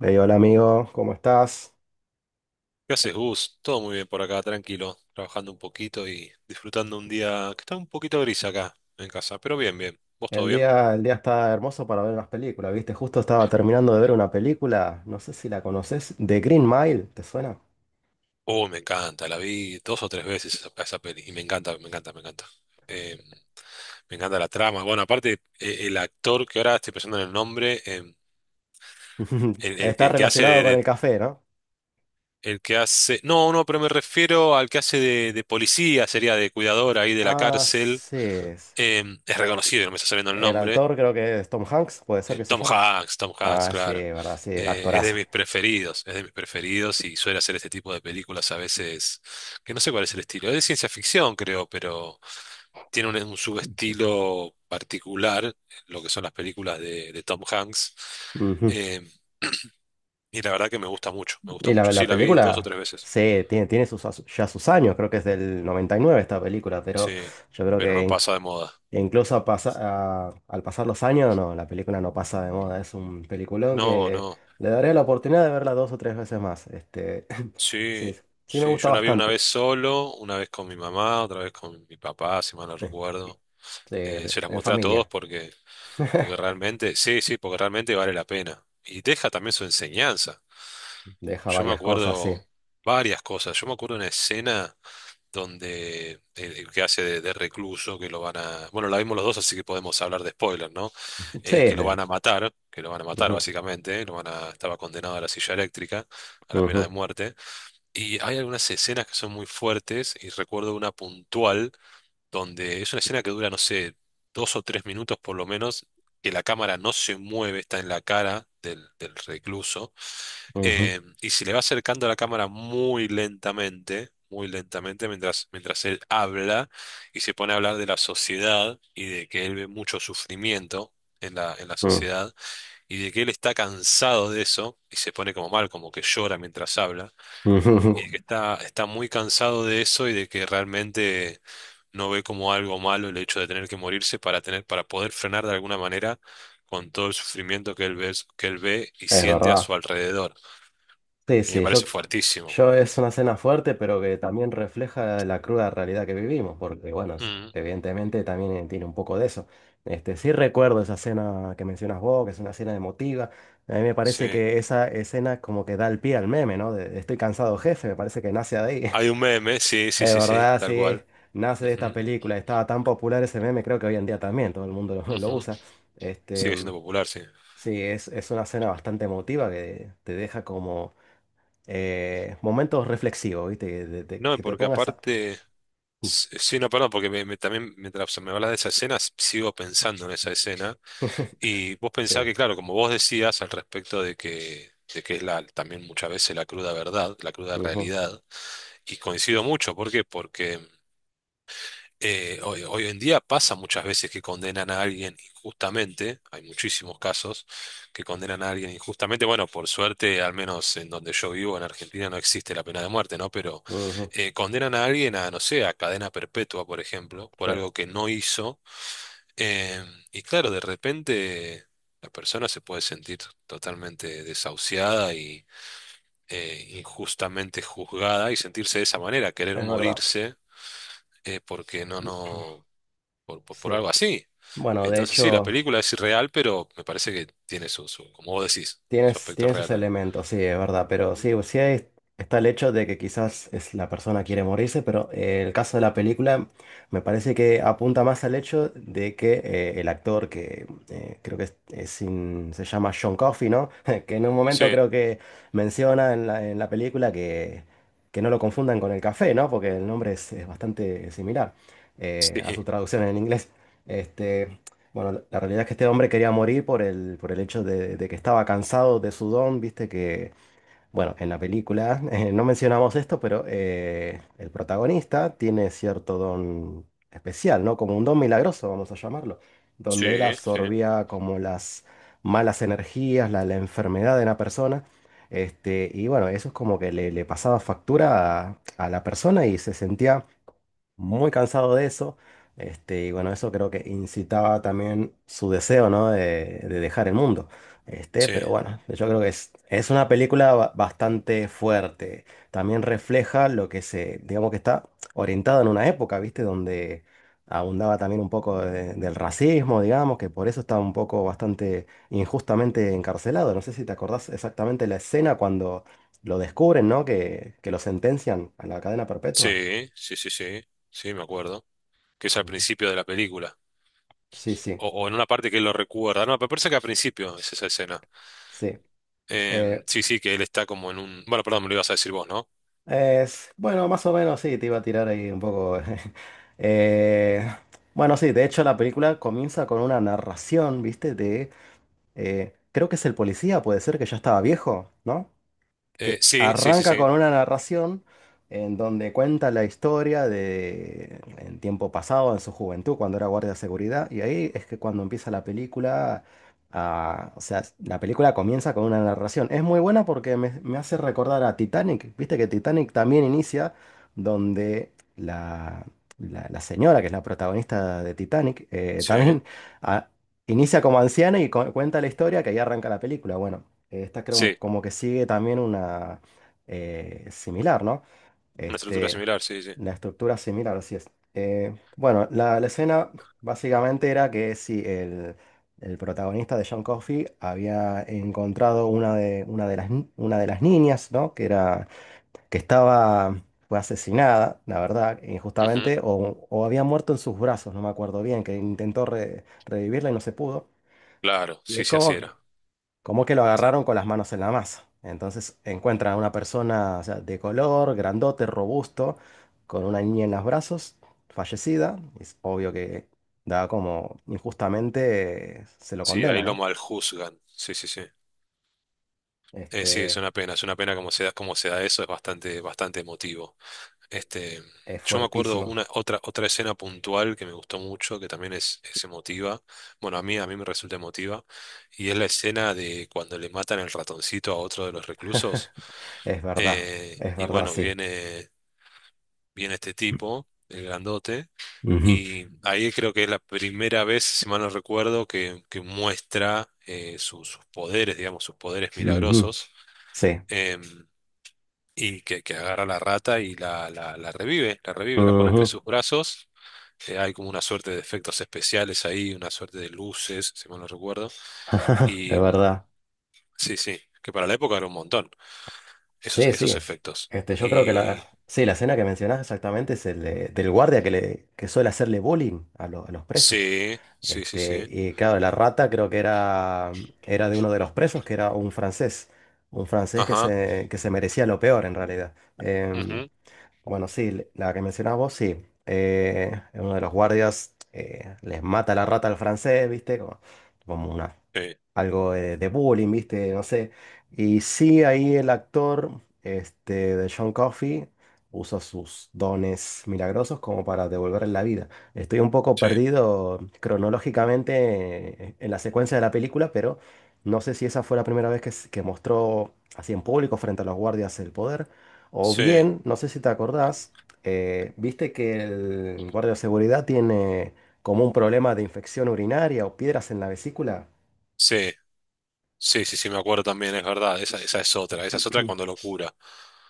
Hey, hola amigo, ¿cómo estás? ¿Qué haces, Gus? Todo muy bien por acá, tranquilo, trabajando un poquito y disfrutando un día que está un poquito gris acá en casa, pero bien, bien. ¿Vos todo El bien? día, el día está hermoso para ver unas películas, ¿viste? Justo estaba terminando de ver una película, no sé si la conoces, The Green Mile, ¿te suena? Oh, me encanta, la vi dos o tres veces esa, esa peli y me encanta, me encanta, me encanta. Eh, Me encanta la trama. Bueno, aparte, el actor que ahora estoy pensando en el nombre, el, el que Está el que hace relacionado con el café, ¿no? el que hace, no, no, pero me refiero al que hace de policía, sería de cuidador ahí de la Ah, cárcel. sí, es. Es reconocido, no me está saliendo el El nombre. autor creo que es Tom Hanks, puede ser que se Tom llama. Hanks, Tom Hanks, Ah, sí, claro. verdad, sí, Es de actorazo. mis preferidos, es de mis preferidos y suele hacer este tipo de películas a veces, que no sé cuál es el estilo. Es de ciencia ficción, creo, pero tiene un subestilo particular, lo que son las películas de Tom Hanks. Ujú. Eh, y la verdad que me gusta mucho, me gusta Y mucho. la, Sí, la la vi dos o película, tres veces, sí, tiene sus, ya sus años, creo que es del 99 esta película, pero sí, yo creo pero que no en. pasa de moda. E incluso al pasar los años, no, la película no pasa de moda. Es un peliculón No, que no, le daré la oportunidad de verla dos o tres veces más. Este, sí, sí, sí me sí, gusta yo la vi una bastante. vez solo, una vez con mi mamá, otra vez con mi papá, si mal no Eh, recuerdo. Sí, Se las en mostré a todos familia. porque, porque realmente, sí, sí, porque realmente vale la pena. Y deja también su enseñanza. Deja Yo me varias cosas, sí. acuerdo varias cosas. Yo me acuerdo una escena donde el que hace de recluso, que lo van a... Bueno, la vimos los dos, así que podemos hablar de spoiler, ¿no? Sí, Que lo van sí. a matar, que lo van a matar Ujú, básicamente, lo van a... Estaba condenado a la silla eléctrica, a la pena de ujú, muerte. Y hay algunas escenas que son muy fuertes y recuerdo una puntual donde es una escena que dura, no sé, dos o tres minutos por lo menos, que la cámara no se mueve, está en la cara del, del recluso, ujú, y se le va acercando a la cámara muy lentamente, mientras, mientras él habla y se pone a hablar de la sociedad y de que él ve mucho sufrimiento. En la ujú, sociedad y de que él está cansado de eso y se pone como mal, como que llora mientras habla ujú, ujú. y de que está, está muy cansado de eso y de que realmente no ve como algo malo el hecho de tener que morirse para tener, para poder frenar de alguna manera con todo el sufrimiento que él ve y Es siente a verdad. su alrededor. Sí, Y me sí, parece yo, fuertísimo. yo es una cena fuerte, pero que también refleja la cruda realidad que vivimos, porque bueno, Mm, evidentemente también tiene un poco de eso. Este, sí recuerdo esa cena que mencionas vos, que es una cena emotiva. A mí me parece sí. que esa escena como que da el pie al meme, ¿no? De estoy cansado, jefe, me parece que nace de ahí. Hay un meme, sí, sí, Es sí, sí, verdad, tal sí, cual. nace de esta Ujú, película. Estaba tan popular ese meme, creo que hoy en día también todo el mundo lo, lo ujú. usa. Este, Sigue siendo popular, sí. sí, es una escena bastante emotiva que te deja como momentos reflexivos, ¿viste? Que, te te- No, y que te porque pongas a. aparte, s- sí, no, perdón, porque me- me- también mientras me hablas de esa escena, s- sigo pensando en esa escena. Y vos pensás Sí. que, claro, como vos decías al respecto de que es la, también muchas veces la cruda verdad, la cruda Ujú, realidad, y coincido mucho, ¿por qué? Porque hoy, hoy en día pasa muchas veces que condenan a alguien injustamente, hay muchísimos casos que condenan a alguien injustamente, bueno, por suerte, al menos en donde yo vivo, en Argentina, no existe la pena de muerte, ¿no? Pero ujú. Condenan a alguien a, no sé, a cadena perpetua, por ejemplo, por Sí, algo que no hizo, eh, y claro, de repente la persona se puede sentir totalmente desahuciada y injustamente juzgada y sentirse de esa manera, querer es verdad. morirse porque no, no, por Sí. algo así. Bueno, de Entonces sí, la hecho, película es irreal, pero me parece que tiene su, su, como vos decís, su Tienes, aspecto tiene real sus también. elementos, sí, es verdad, pero sí, Ujú. sí, está el hecho de que quizás es la persona quiere morirse, pero el caso de la película me parece que apunta más al hecho de que el actor que creo que es sin- se llama John Coffey, ¿no? Que en un momento Sí, creo que menciona en la película que no lo confundan con el café, ¿no? Porque el nombre es bastante similar sí, a sí, su traducción en inglés. Este, bueno, la realidad es que este hombre quería morir por el hecho de que estaba cansado de su don, viste que, bueno, en la película, no mencionamos esto, pero el protagonista tiene cierto don especial, ¿no? Como un don milagroso, vamos a llamarlo, donde él sí, absorbía como las malas energías, la enfermedad de una persona, este, y bueno, eso es como que le pasaba factura a la persona y se sentía muy cansado de eso. Este, y bueno, eso creo que incitaba también su deseo, ¿no? De dejar el mundo. Este, sí, pero bueno, yo creo que es una película bastante fuerte. También refleja lo que se, digamos que está orientado en una época, ¿viste? Donde abundaba también un poco del racismo, digamos, que por eso estaba un poco bastante injustamente encarcelado. No sé si te acordás exactamente la escena cuando lo descubren, ¿no? Que lo sentencian a la cadena perpetua. sí, sí, sí, sí, sí, me acuerdo. Que es al principio de la película. Sí, sí, O en una parte que él lo recuerda. No, me parece que al principio es esa escena. sí. Eh, Sí, sí, que él está como en un... Bueno, perdón, me lo ibas a decir vos, ¿no? es, bueno, más o menos sí, te iba a tirar ahí un poco. eh, bueno, sí, de hecho la película comienza con una narración, ¿viste? Creo que es el policía, puede ser que ya estaba viejo, ¿no? Que Sí, sí, sí, arranca sí, con una narración en donde cuenta la historia de en tiempo pasado, en su juventud, cuando era guardia de seguridad, y ahí es que cuando empieza la película, ah, o sea, la película comienza con una narración. Es muy buena porque me hace recordar a Titanic, viste que Titanic también inicia donde la señora, que es la protagonista de Titanic, sí, también. Ah, inicia como anciana y cuenta la historia que ahí arranca la película. Bueno, esta creo sí. como que sigue también una similar, ¿no? Una estructura Este, similar, sí, sí. la estructura similar, así es. Bueno, la escena básicamente era que si el protagonista de John Coffey había encontrado una de las niñas, ¿no? Que era, que estaba, fue asesinada, la verdad, Ujú, injustamente, o había muerto en sus brazos, no me acuerdo bien, que intentó revivirla y no se pudo. claro, Y sí, es sí, así como que era. como que lo agarraron con las manos en la masa. Entonces encuentran a una persona, o sea, de color, grandote, robusto, con una niña en los brazos, fallecida. Es obvio que da como injustamente se lo Sí, ahí condena, lo ¿no? maljuzgan. Sí, sí, sí. Sí, Este, es una pena como se da eso, es bastante, bastante emotivo. Este, es yo me acuerdo fuertísimo. una, otra, otra escena puntual que me gustó mucho, que también es emotiva. Bueno, a mí me resulta emotiva. Y es la escena de cuando le matan el ratoncito a otro de los reclusos. Es verdad, es Y verdad, bueno, sí. viene, viene este tipo, el grandote. Ujú, Y ahí creo que es la primera vez, si mal no recuerdo, que muestra su- sus poderes, digamos, sus poderes ujú, milagrosos, sí, em, y que agarra a la rata y la revive, la revive, la pone entre ujú, sus brazos. Hay como una suerte de efectos especiales ahí, una suerte de luces, si mal no recuerdo. es Y verdad. sí, sí, que para la época era un montón, esos, Sí, esos sí. efectos. Este, yo creo que Y la, sí, la escena que mencionás exactamente es el del guardia que, le, que suele hacerle bowling a los presos. sí, sí, sí, Este, sí. y claro, la rata creo que era de uno de los presos, que era un francés. Un francés Ajá. Que se merecía lo peor en realidad. Ujú, Bueno, sí, la que mencionabas vos, sí. Uno de los guardias les mata la rata al francés, ¿viste? Como una, sí, algo de bullying, ¿viste? No sé. Y sí, ahí el actor este, de John Coffey usa sus dones milagrosos como para devolverle la vida. Estoy un poco sí, perdido cronológicamente en la secuencia de la película, pero no sé si esa fue la primera vez que, que mostró así en público frente a los guardias el poder. O sí, bien, no sé si te acordás, viste que el guardia de seguridad tiene como un problema de infección urinaria o piedras en la vesícula. sí. Sí, sí, sí, me acuerdo también, es verdad, esa, esa es otra cuando lo cura.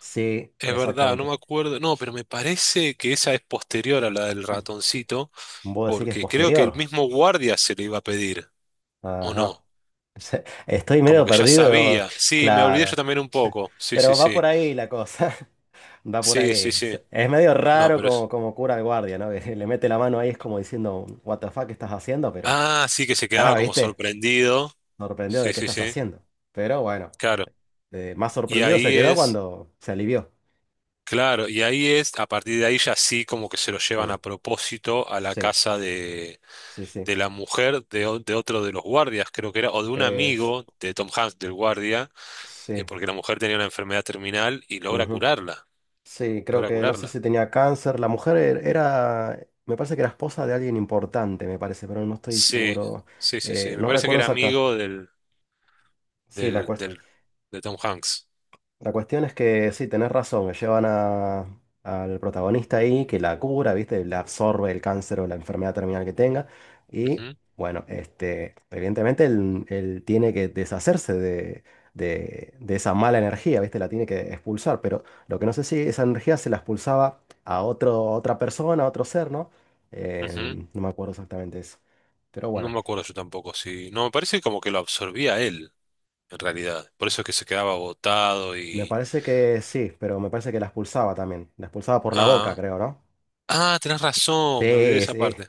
Sí, Es verdad, no exactamente. me acuerdo, no, pero me parece que esa es posterior a la del ratoncito, Vos decís que es porque creo que el posterior. mismo guardia se le iba a pedir, ¿o Ajá. no? Estoy Como medio que ya perdido, sabía, sí, me olvidé yo claro. también un poco, sí, sí, Pero va por sí, ahí la cosa. Va por sí, sí, ahí. sí, Es medio no, raro pero como, es... como cura el guardia, ¿no? Que le mete la mano ahí, es como diciendo, What the fuck, ¿qué estás haciendo? Pero, Ah, sí, que se quedaba ah, como ¿viste? sorprendido, Sorprendido de sí, qué sí, estás sí, haciendo. Pero bueno. claro, Más y sorprendido se ahí quedó es, cuando se alivió. claro, y ahí es, a partir de ahí ya sí, como que se lo llevan Mm. a propósito a la Sí, casa sí, sí. de la mujer de, o- de otro de los guardias, creo que era, o de un Es- amigo de Tom Hanks, del guardia, sí. porque la mujer tenía una enfermedad terminal y logra Ujú. curarla, Sí, creo logra que no sé curarla. si tenía cáncer. La mujer era, me parece que era esposa de alguien importante, me parece, pero no estoy Sí, seguro. sí, sí, sí, me No parece que recuerdo era exacta. amigo del, Sí, la del, cuestión. del- de Tom Hanks. La cuestión es que sí, tenés razón, que llevan al protagonista ahí, que la cura, ¿viste? Le absorbe el cáncer o la enfermedad terminal que tenga. Y Ujú, bueno, este, evidentemente él tiene que deshacerse de esa mala energía, ¿viste? La tiene que expulsar. Pero lo que no sé si esa energía se la expulsaba a otro, a otra persona, a otro ser, ¿no? ujú. No me acuerdo exactamente eso. Pero No bueno, me acuerdo yo tampoco, sí. No, me parece como que lo absorbía él, en realidad. Por eso es que se quedaba agotado me y... parece que sí, pero me parece que la expulsaba también. La expulsaba por la boca, Ah, creo, ¿no? ah, tenés razón, me olvidé de Sí, esa sí. parte.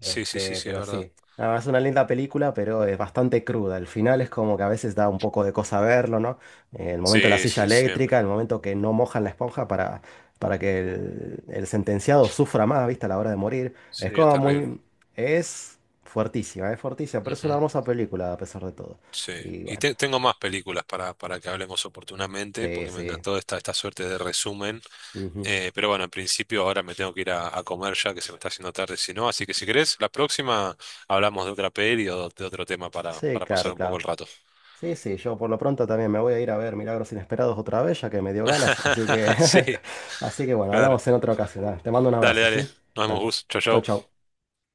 Sí, sí, sí, Este, sí, es pero verdad. sí. Ah, es una linda película, pero es bastante cruda. El final es como que a veces da un poco de cosa verlo, ¿no? El momento de la Sí, silla sí, eléctrica, siempre. el momento que no mojan la esponja para, que el sentenciado sufra más, ¿viste? A la hora de morir. Es Sí, es como terrible. muy. Es fuertísima, pero es una Ujú. hermosa película a pesar de todo. Sí, Y y bueno, te- tengo más películas para que hablemos oportunamente, sí, porque me sí. encantó esta, esta suerte de resumen. Ujú. Pero bueno, en principio ahora me tengo que ir a comer ya, que se me está haciendo tarde, si no. Así que si querés, la próxima hablamos de otra peli o de otro tema Sí, para pasar claro, un poco claro. el rato. Sí, sí, yo por lo pronto también me voy a ir a ver Milagros Inesperados otra vez, ya que me dio ganas, así que, Sí, así que bueno, claro. hablamos en otra ocasión. Dale, te mando un Dale, abrazo, dale. ¿sí? Nos vemos, Dale. Gus. Chau, Chau, chau. chau.